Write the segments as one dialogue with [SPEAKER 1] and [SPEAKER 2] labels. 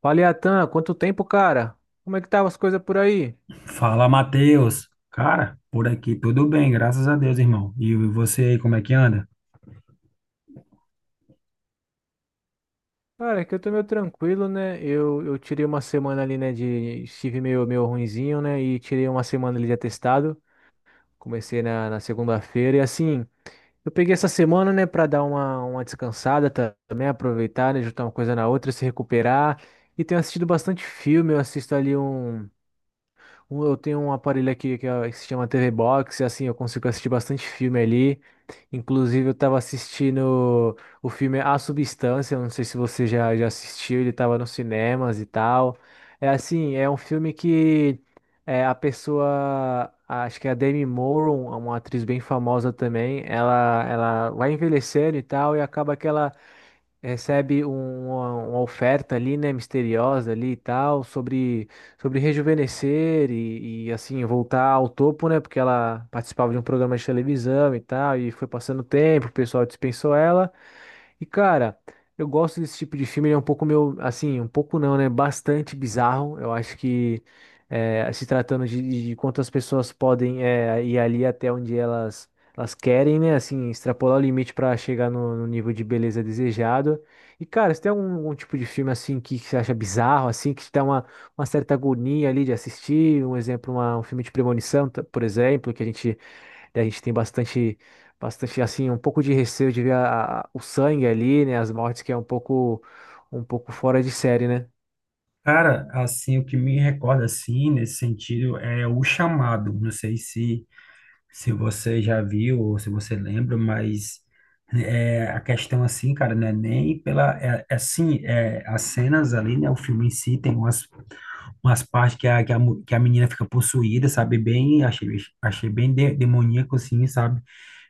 [SPEAKER 1] Fala, Atan, quanto tempo, cara? Como é que tava as coisas por aí?
[SPEAKER 2] Fala, Matheus. Cara, por aqui tudo bem, graças a Deus, irmão. E você aí, como é que anda?
[SPEAKER 1] Cara, que eu tô meio tranquilo, né? Eu tirei uma semana ali, né, Estive meio ruinzinho, né? E tirei uma semana ali de atestado. Comecei na segunda-feira e, assim, eu peguei essa semana, né, pra dar uma descansada também, aproveitar, né, juntar uma coisa na outra, se recuperar. E tenho assistido bastante filme, eu assisto ali. Eu tenho um aparelho aqui que, que se chama TV Box, e assim eu consigo assistir bastante filme ali. Inclusive, eu tava assistindo o filme A Substância, eu não sei se você já assistiu, ele tava nos cinemas e tal. É assim, é um filme que é, a pessoa, acho que é a Demi Moore, uma atriz bem famosa também, ela vai envelhecendo e tal, e acaba que ela recebe uma oferta ali, né, misteriosa ali e tal, sobre rejuvenescer e, assim, voltar ao topo, né, porque ela participava de um programa de televisão e tal, e foi passando o tempo, o pessoal dispensou ela, e cara, eu gosto desse tipo de filme, ele é um pouco meu, assim, um pouco não, né? Bastante bizarro. Eu acho que se tratando de quantas pessoas podem ir ali até onde elas querem, né? Assim, extrapolar o limite para chegar no nível de beleza desejado. E cara, se tem algum tipo de filme assim que, você acha bizarro, assim, que te dá uma certa agonia ali de assistir, um exemplo, um filme de premonição, por exemplo, que a gente e A gente tem bastante, bastante assim, um pouco de receio de ver o sangue ali, né? As mortes que é um pouco fora de série, né?
[SPEAKER 2] Cara, assim, o que me recorda, assim, nesse sentido, é O Chamado. Não sei se você já viu ou se você lembra, mas a questão assim, cara, não é nem pela, as cenas ali, né, o filme em si tem umas partes que a, que a menina fica possuída, sabe, bem, achei bem demoníaco, assim, sabe,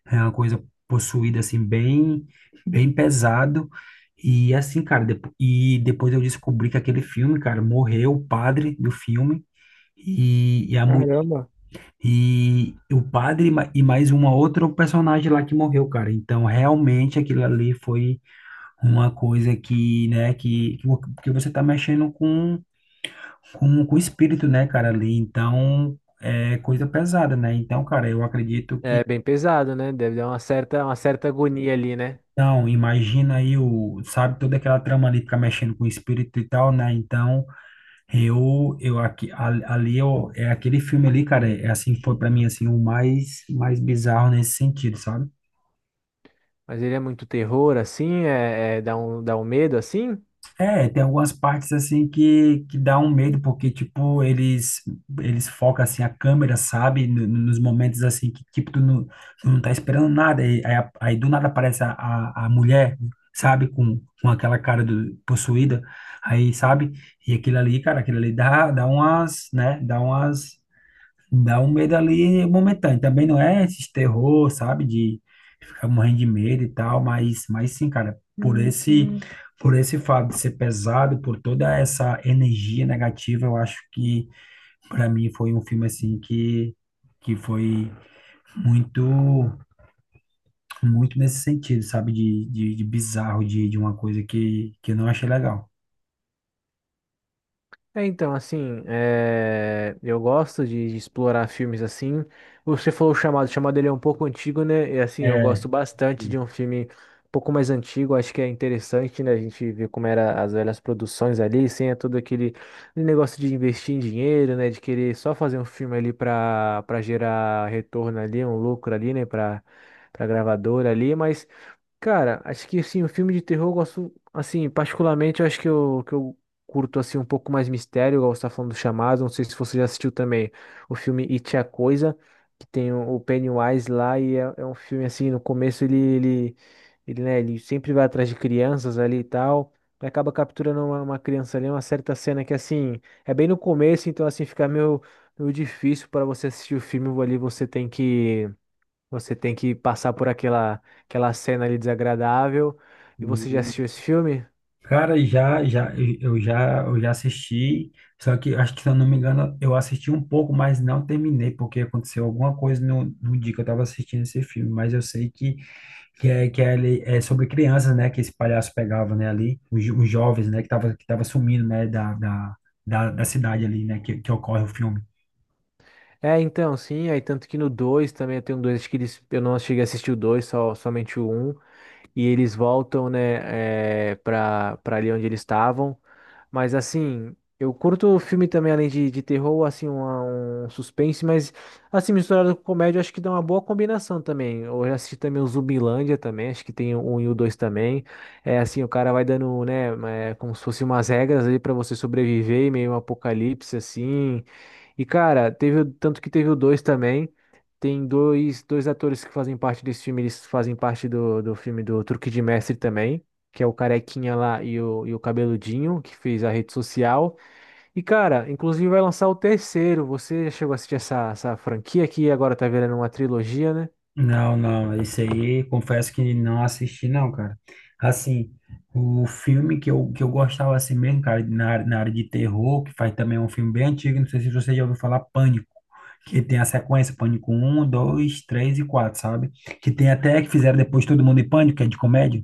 [SPEAKER 2] é uma coisa possuída, assim, bem, bem pesado. E assim, cara, e depois eu descobri que aquele filme, cara, morreu o padre do filme, e a mulher
[SPEAKER 1] Caramba.
[SPEAKER 2] e o padre, e mais uma outra personagem lá que morreu, cara. Então, realmente aquilo ali foi uma coisa que, né, que você tá mexendo com o espírito, né, cara, ali. Então, é coisa pesada, né? Então, cara, eu acredito que...
[SPEAKER 1] É bem pesado, né? Deve dar uma certa agonia ali, né?
[SPEAKER 2] Então, imagina aí o, sabe, toda aquela trama ali ficar mexendo com o espírito e tal, né? Então, eu aqui, a- ali, eu, é aquele filme ali, cara, é assim, foi pra mim, assim, o mais, mais bizarro nesse sentido, sabe?
[SPEAKER 1] Mas ele é muito terror, assim, dá um medo, assim.
[SPEAKER 2] É, tem algumas partes assim que dá um medo, porque, tipo, eles focam, assim, a câmera, sabe? Nos momentos, assim, que, tipo, tu não tá esperando nada, e, aí, aí do nada aparece a mulher, sabe? Com, aquela cara do, possuída, aí, sabe? E aquilo ali, cara, aquilo ali dá umas, né? Dá umas, dá um medo ali momentâneo. Também não é esse terror, sabe? Ficar morrendo de medo e tal, mas, sim, cara, por uhum, por esse fato de ser pesado, por toda essa energia negativa, eu acho que para mim foi um filme assim que foi muito, muito nesse sentido, sabe, de bizarro, de uma coisa que eu não achei legal.
[SPEAKER 1] É, então, assim, eu gosto de explorar filmes assim. Você falou o Chamado ele é um pouco antigo, né? E assim, eu
[SPEAKER 2] É,
[SPEAKER 1] gosto bastante de um filme um pouco mais antigo, acho que é interessante, né? A gente ver como era as velhas produções ali, sem todo aquele negócio de investir em dinheiro, né? De querer só fazer um filme ali para gerar retorno ali, um lucro ali, né? Para gravadora ali, mas cara, acho que assim, o filme de terror eu gosto, assim, particularmente, eu acho que eu curto assim um pouco mais mistério, igual você tá falando do Chamado, não sei se você já assistiu também o filme It, é a Coisa, que tem o Pennywise lá e é um filme assim, no começo né, ele sempre vai atrás de crianças ali e tal, e acaba capturando uma criança ali, uma certa cena que assim, é bem no começo, então assim, fica meio difícil para você assistir o filme, ali você tem que passar por aquela cena ali desagradável. E você já assistiu esse filme?
[SPEAKER 2] cara, já, eu já assisti, só que acho que, se eu não me engano, eu assisti um pouco, mas não terminei, porque aconteceu alguma coisa no dia que eu estava assistindo esse filme, mas eu sei que é, é sobre crianças, né, que esse palhaço pegava, né, ali, os jovens, né, que tava, sumindo, né, da cidade ali, né, que ocorre o filme.
[SPEAKER 1] É, então, sim, aí tanto que no 2 também eu tenho dois, acho que eles, eu não cheguei a assistir o 2, só somente o Um. E eles voltam, né, para pra ali onde eles estavam. Mas assim, eu curto filme também, além de terror, assim, um suspense, mas assim, misturado com comédia, eu acho que dá uma boa combinação também. Eu já assisti também o Zumbilândia também, acho que tem o um e o dois também. É assim, o cara vai dando, né, como se fosse umas regras ali para você sobreviver, em meio a um apocalipse, assim. E, cara, teve, tanto que teve o dois também. Tem dois atores que fazem parte desse filme, eles fazem parte do filme do Truque de Mestre também, que é o Carequinha lá e o Cabeludinho, que fez a rede social. E, cara, inclusive vai lançar o terceiro. Você chegou a assistir essa franquia aqui, agora tá virando uma trilogia, né?
[SPEAKER 2] Não, não, esse aí confesso que não assisti não, cara. Assim, o filme que eu, gostava assim mesmo, cara, na área de terror, que faz também um filme bem antigo, não sei se você já ouviu falar, Pânico, que tem a sequência Pânico um, 2, 3 e 4, sabe? Que tem até que fizeram depois Todo Mundo em Pânico, que é de comédia.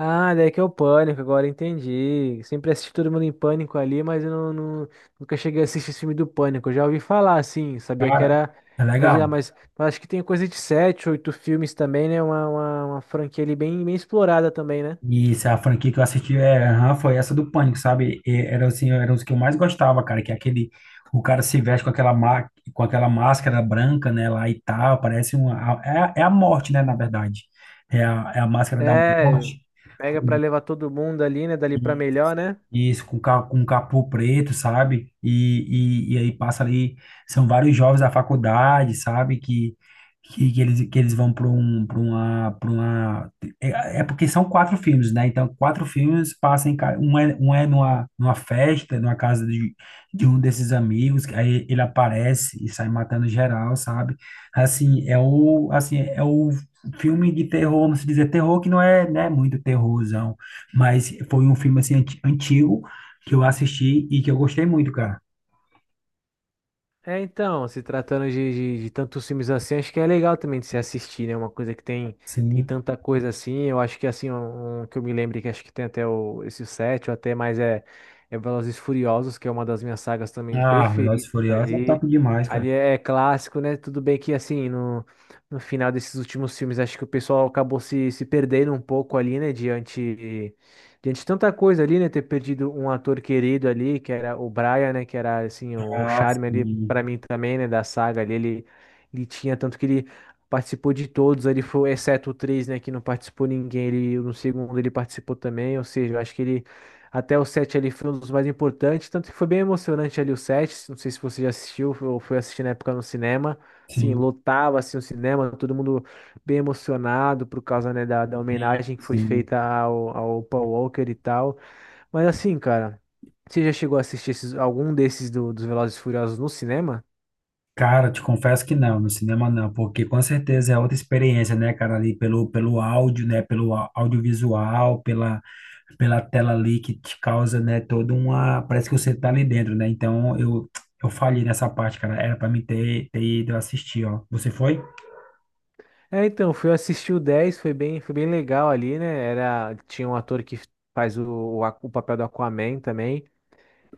[SPEAKER 1] Ah, daí que é o Pânico, agora entendi. Sempre assisti todo mundo em Pânico ali, mas eu não, não- nunca cheguei a assistir esse filme do Pânico. Eu já ouvi falar, assim, sabia que
[SPEAKER 2] Cara,
[SPEAKER 1] era,
[SPEAKER 2] é
[SPEAKER 1] era de lá,
[SPEAKER 2] legal.
[SPEAKER 1] mas eu acho que tem coisa de sete, oito filmes também, né? Uma franquia ali bem, bem explorada também, né?
[SPEAKER 2] E se a franquia que eu assisti é, aham, foi essa do Pânico, sabe? E era assim, era os que eu mais gostava, cara, que é aquele, o cara se veste com aquela, com aquela máscara branca, né, lá e tal, parece uma, é a morte, né, na verdade. É a máscara da
[SPEAKER 1] É,
[SPEAKER 2] morte.
[SPEAKER 1] pega pra levar todo mundo ali, né? Dali pra melhor, né?
[SPEAKER 2] Isso, com, com capô preto, sabe? E, e aí passa ali, são vários jovens da faculdade, sabe? Que eles, vão para um, para uma... É, porque são quatro filmes, né? Então, quatro filmes passam em... Um é, numa, festa, numa casa de um desses amigos, que aí ele aparece e sai matando geral, sabe? Assim, é o filme de terror, vamos dizer, terror que não é, né, muito terrorzão. Mas foi um filme assim antigo que eu assisti e que eu gostei muito, cara.
[SPEAKER 1] É, então, se tratando de tantos filmes assim, acho que é legal também de se assistir, né? Uma coisa que tem
[SPEAKER 2] Sim.
[SPEAKER 1] tanta coisa assim. Eu acho que assim, um que eu me lembro que acho que tem até esse 7 ou até mais é Velozes e Furiosos, que é uma das minhas sagas também
[SPEAKER 2] Ah, Velozes e
[SPEAKER 1] preferidas
[SPEAKER 2] Furiosos é
[SPEAKER 1] ali.
[SPEAKER 2] top demais, cara.
[SPEAKER 1] Ali é clássico, né? Tudo bem que assim, no final desses últimos filmes, acho que o pessoal acabou se perdendo um pouco ali, né? Diante de tanta coisa ali, né? Ter perdido um ator querido ali, que era o Brian, né? Que era, assim, o
[SPEAKER 2] Ah,
[SPEAKER 1] charme ali
[SPEAKER 2] sim.
[SPEAKER 1] para mim também, né? Da saga ali. Ele tinha tanto que ele participou de todos ali, foi, exceto o 3 né? Que não participou ninguém. Ele, no segundo ele participou também. Ou seja, eu acho que até o 7 ali foi um dos mais importantes. Tanto que foi bem emocionante ali o 7. Não sei se você já assistiu ou foi assistir na época no cinema. Assim,
[SPEAKER 2] Sim,
[SPEAKER 1] lotava, assim, o cinema, todo mundo bem emocionado por causa, né, da
[SPEAKER 2] sim,
[SPEAKER 1] homenagem que foi
[SPEAKER 2] sim.
[SPEAKER 1] feita ao Paul Walker e tal. Mas assim, cara, você já chegou a assistir algum desses dos Velozes e Furiosos no cinema?
[SPEAKER 2] Cara, te confesso que não, no cinema não, porque com certeza é outra experiência, né, cara, ali pelo áudio, né, pelo audiovisual, pela tela ali que te causa, né, toda uma, parece que você tá ali dentro, né? Então eu, falhei nessa parte, cara. Era pra mim ter ido assistir, ó. Você foi?
[SPEAKER 1] É, então, fui assistir o 10 foi bem legal ali, né? Era, tinha um ator que faz o papel do Aquaman também.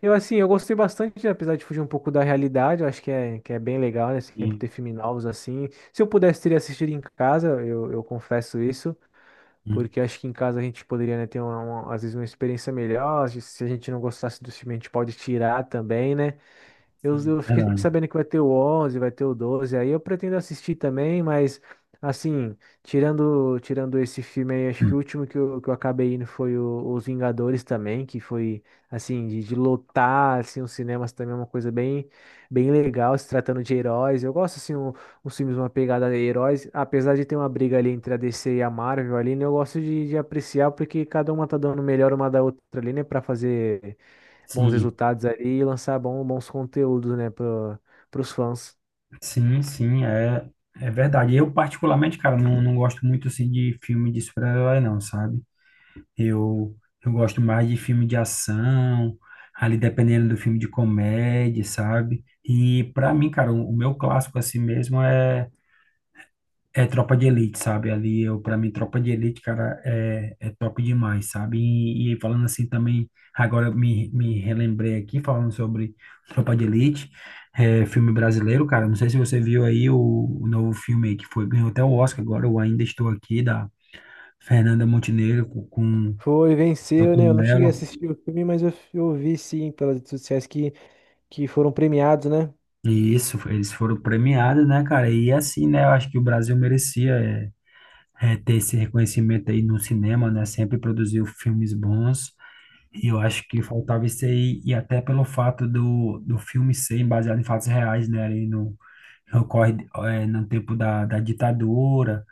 [SPEAKER 1] Eu, assim, eu gostei bastante, apesar de fugir um pouco da realidade, eu acho que que é bem legal, né? Sempre ter filmes novos assim. Se eu pudesse, teria assistido em casa, eu confesso isso.
[SPEAKER 2] Sim.
[SPEAKER 1] Porque acho que em casa a gente poderia, né, ter às vezes uma experiência melhor. Se a gente não gostasse do filme, a gente pode tirar também, né? Eu,
[SPEAKER 2] Sim,
[SPEAKER 1] eu fiquei
[SPEAKER 2] verdade.
[SPEAKER 1] sabendo que vai ter o 11 vai ter o 12 aí eu pretendo assistir também, mas assim, tirando esse filme aí, acho que o último que eu acabei indo foi Os Vingadores também, que foi assim, de lotar assim, os cinemas também é uma coisa bem legal, se tratando de heróis. Eu gosto assim, uns filmes, uma pegada de heróis, apesar de ter uma briga ali entre a DC e a Marvel ali, né, eu gosto de apreciar porque cada uma tá dando o melhor uma da outra ali, né, para fazer bons
[SPEAKER 2] Sim,
[SPEAKER 1] resultados ali e lançar bons conteúdos, né, para os fãs.
[SPEAKER 2] sim, sim, é, verdade. Eu, particularmente, cara, não gosto muito, assim, de filme de super-herói, não, sabe? Eu, eu gosto mais de filme de ação, ali dependendo do filme de comédia, sabe? E, pra mim, cara, o meu clássico, assim mesmo, é Tropa de Elite, sabe? Ali eu, para mim, Tropa de Elite, cara, é top demais, sabe? E, falando assim também, agora eu, me relembrei aqui falando sobre Tropa de Elite, é, filme brasileiro, cara. Não sei se você viu aí o novo filme aí que foi, ganhou até o Oscar agora, Eu Ainda Estou Aqui, da Fernanda Montenegro com,
[SPEAKER 1] Foi, venceu,
[SPEAKER 2] Elton
[SPEAKER 1] né? Eu não cheguei a
[SPEAKER 2] Mello.
[SPEAKER 1] assistir o filme, mas eu vi sim pelas redes sociais que foram premiados, né?
[SPEAKER 2] E isso, eles foram premiados, né, cara? E assim, né, eu acho que o Brasil merecia, é, ter esse reconhecimento aí no cinema, né? Sempre produziu filmes bons. E eu acho que faltava isso aí, e até pelo fato do filme ser baseado em fatos reais, né? Ali no, ocorre, é, no tempo da ditadura,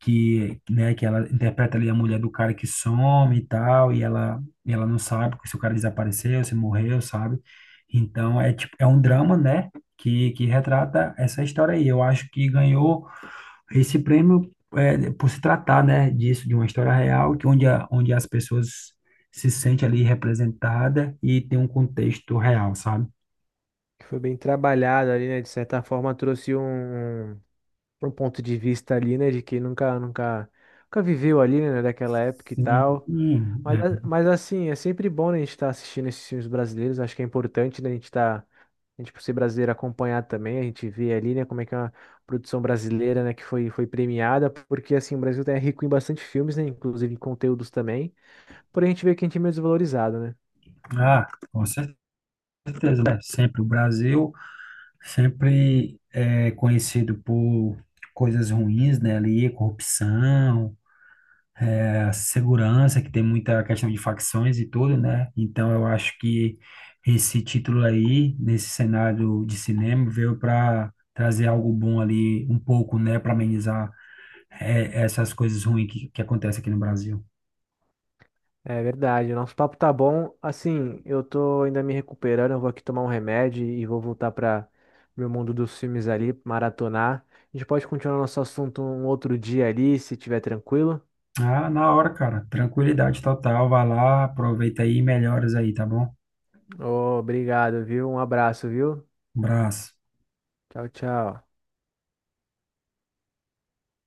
[SPEAKER 2] que, né, que ela interpreta ali a mulher do cara que some e tal, e ela, não sabe se o cara desapareceu, se morreu, sabe? Então é tipo, é um drama, né? Que retrata essa história aí. Eu acho que ganhou esse prêmio, é, por se tratar, né, disso, de uma história real, que onde, a, onde as pessoas se sentem ali representadas e tem um contexto real, sabe?
[SPEAKER 1] Que foi bem trabalhado ali, né? De certa forma trouxe um ponto de vista ali, né? De quem nunca, nunca, nunca viveu ali, né? Daquela época e tal.
[SPEAKER 2] Sim,
[SPEAKER 1] Mas,
[SPEAKER 2] é.
[SPEAKER 1] mas assim, é sempre bom, né, a gente estar assistindo esses filmes brasileiros. Acho que é importante, né, a gente estar, a gente, por ser brasileiro, acompanhar também. A gente vê ali, né, como é que é uma produção brasileira, né, que foi premiada. Porque, assim, o Brasil é rico em bastante filmes, né, inclusive em conteúdos também. Porém, a gente vê que a gente é meio desvalorizado, né?
[SPEAKER 2] Ah, com certeza, né? Sempre o Brasil, sempre é conhecido por coisas ruins, né? Ali, corrupção, segurança, que tem muita questão de facções e tudo, né? Então eu acho que esse título aí, nesse cenário de cinema, veio para trazer algo bom ali, um pouco, né, para amenizar, é, essas coisas ruins que acontecem aqui no Brasil.
[SPEAKER 1] É verdade. O nosso papo tá bom. Assim, eu tô ainda me recuperando. Eu vou aqui tomar um remédio e vou voltar para meu mundo dos filmes ali, maratonar. A gente pode continuar nosso assunto um outro dia ali, se tiver tranquilo.
[SPEAKER 2] Ah, na hora, cara. Tranquilidade total. Vai lá, aproveita aí e melhoras aí, tá bom?
[SPEAKER 1] Ô, obrigado, viu? Um abraço, viu?
[SPEAKER 2] Um abraço.
[SPEAKER 1] Tchau, tchau.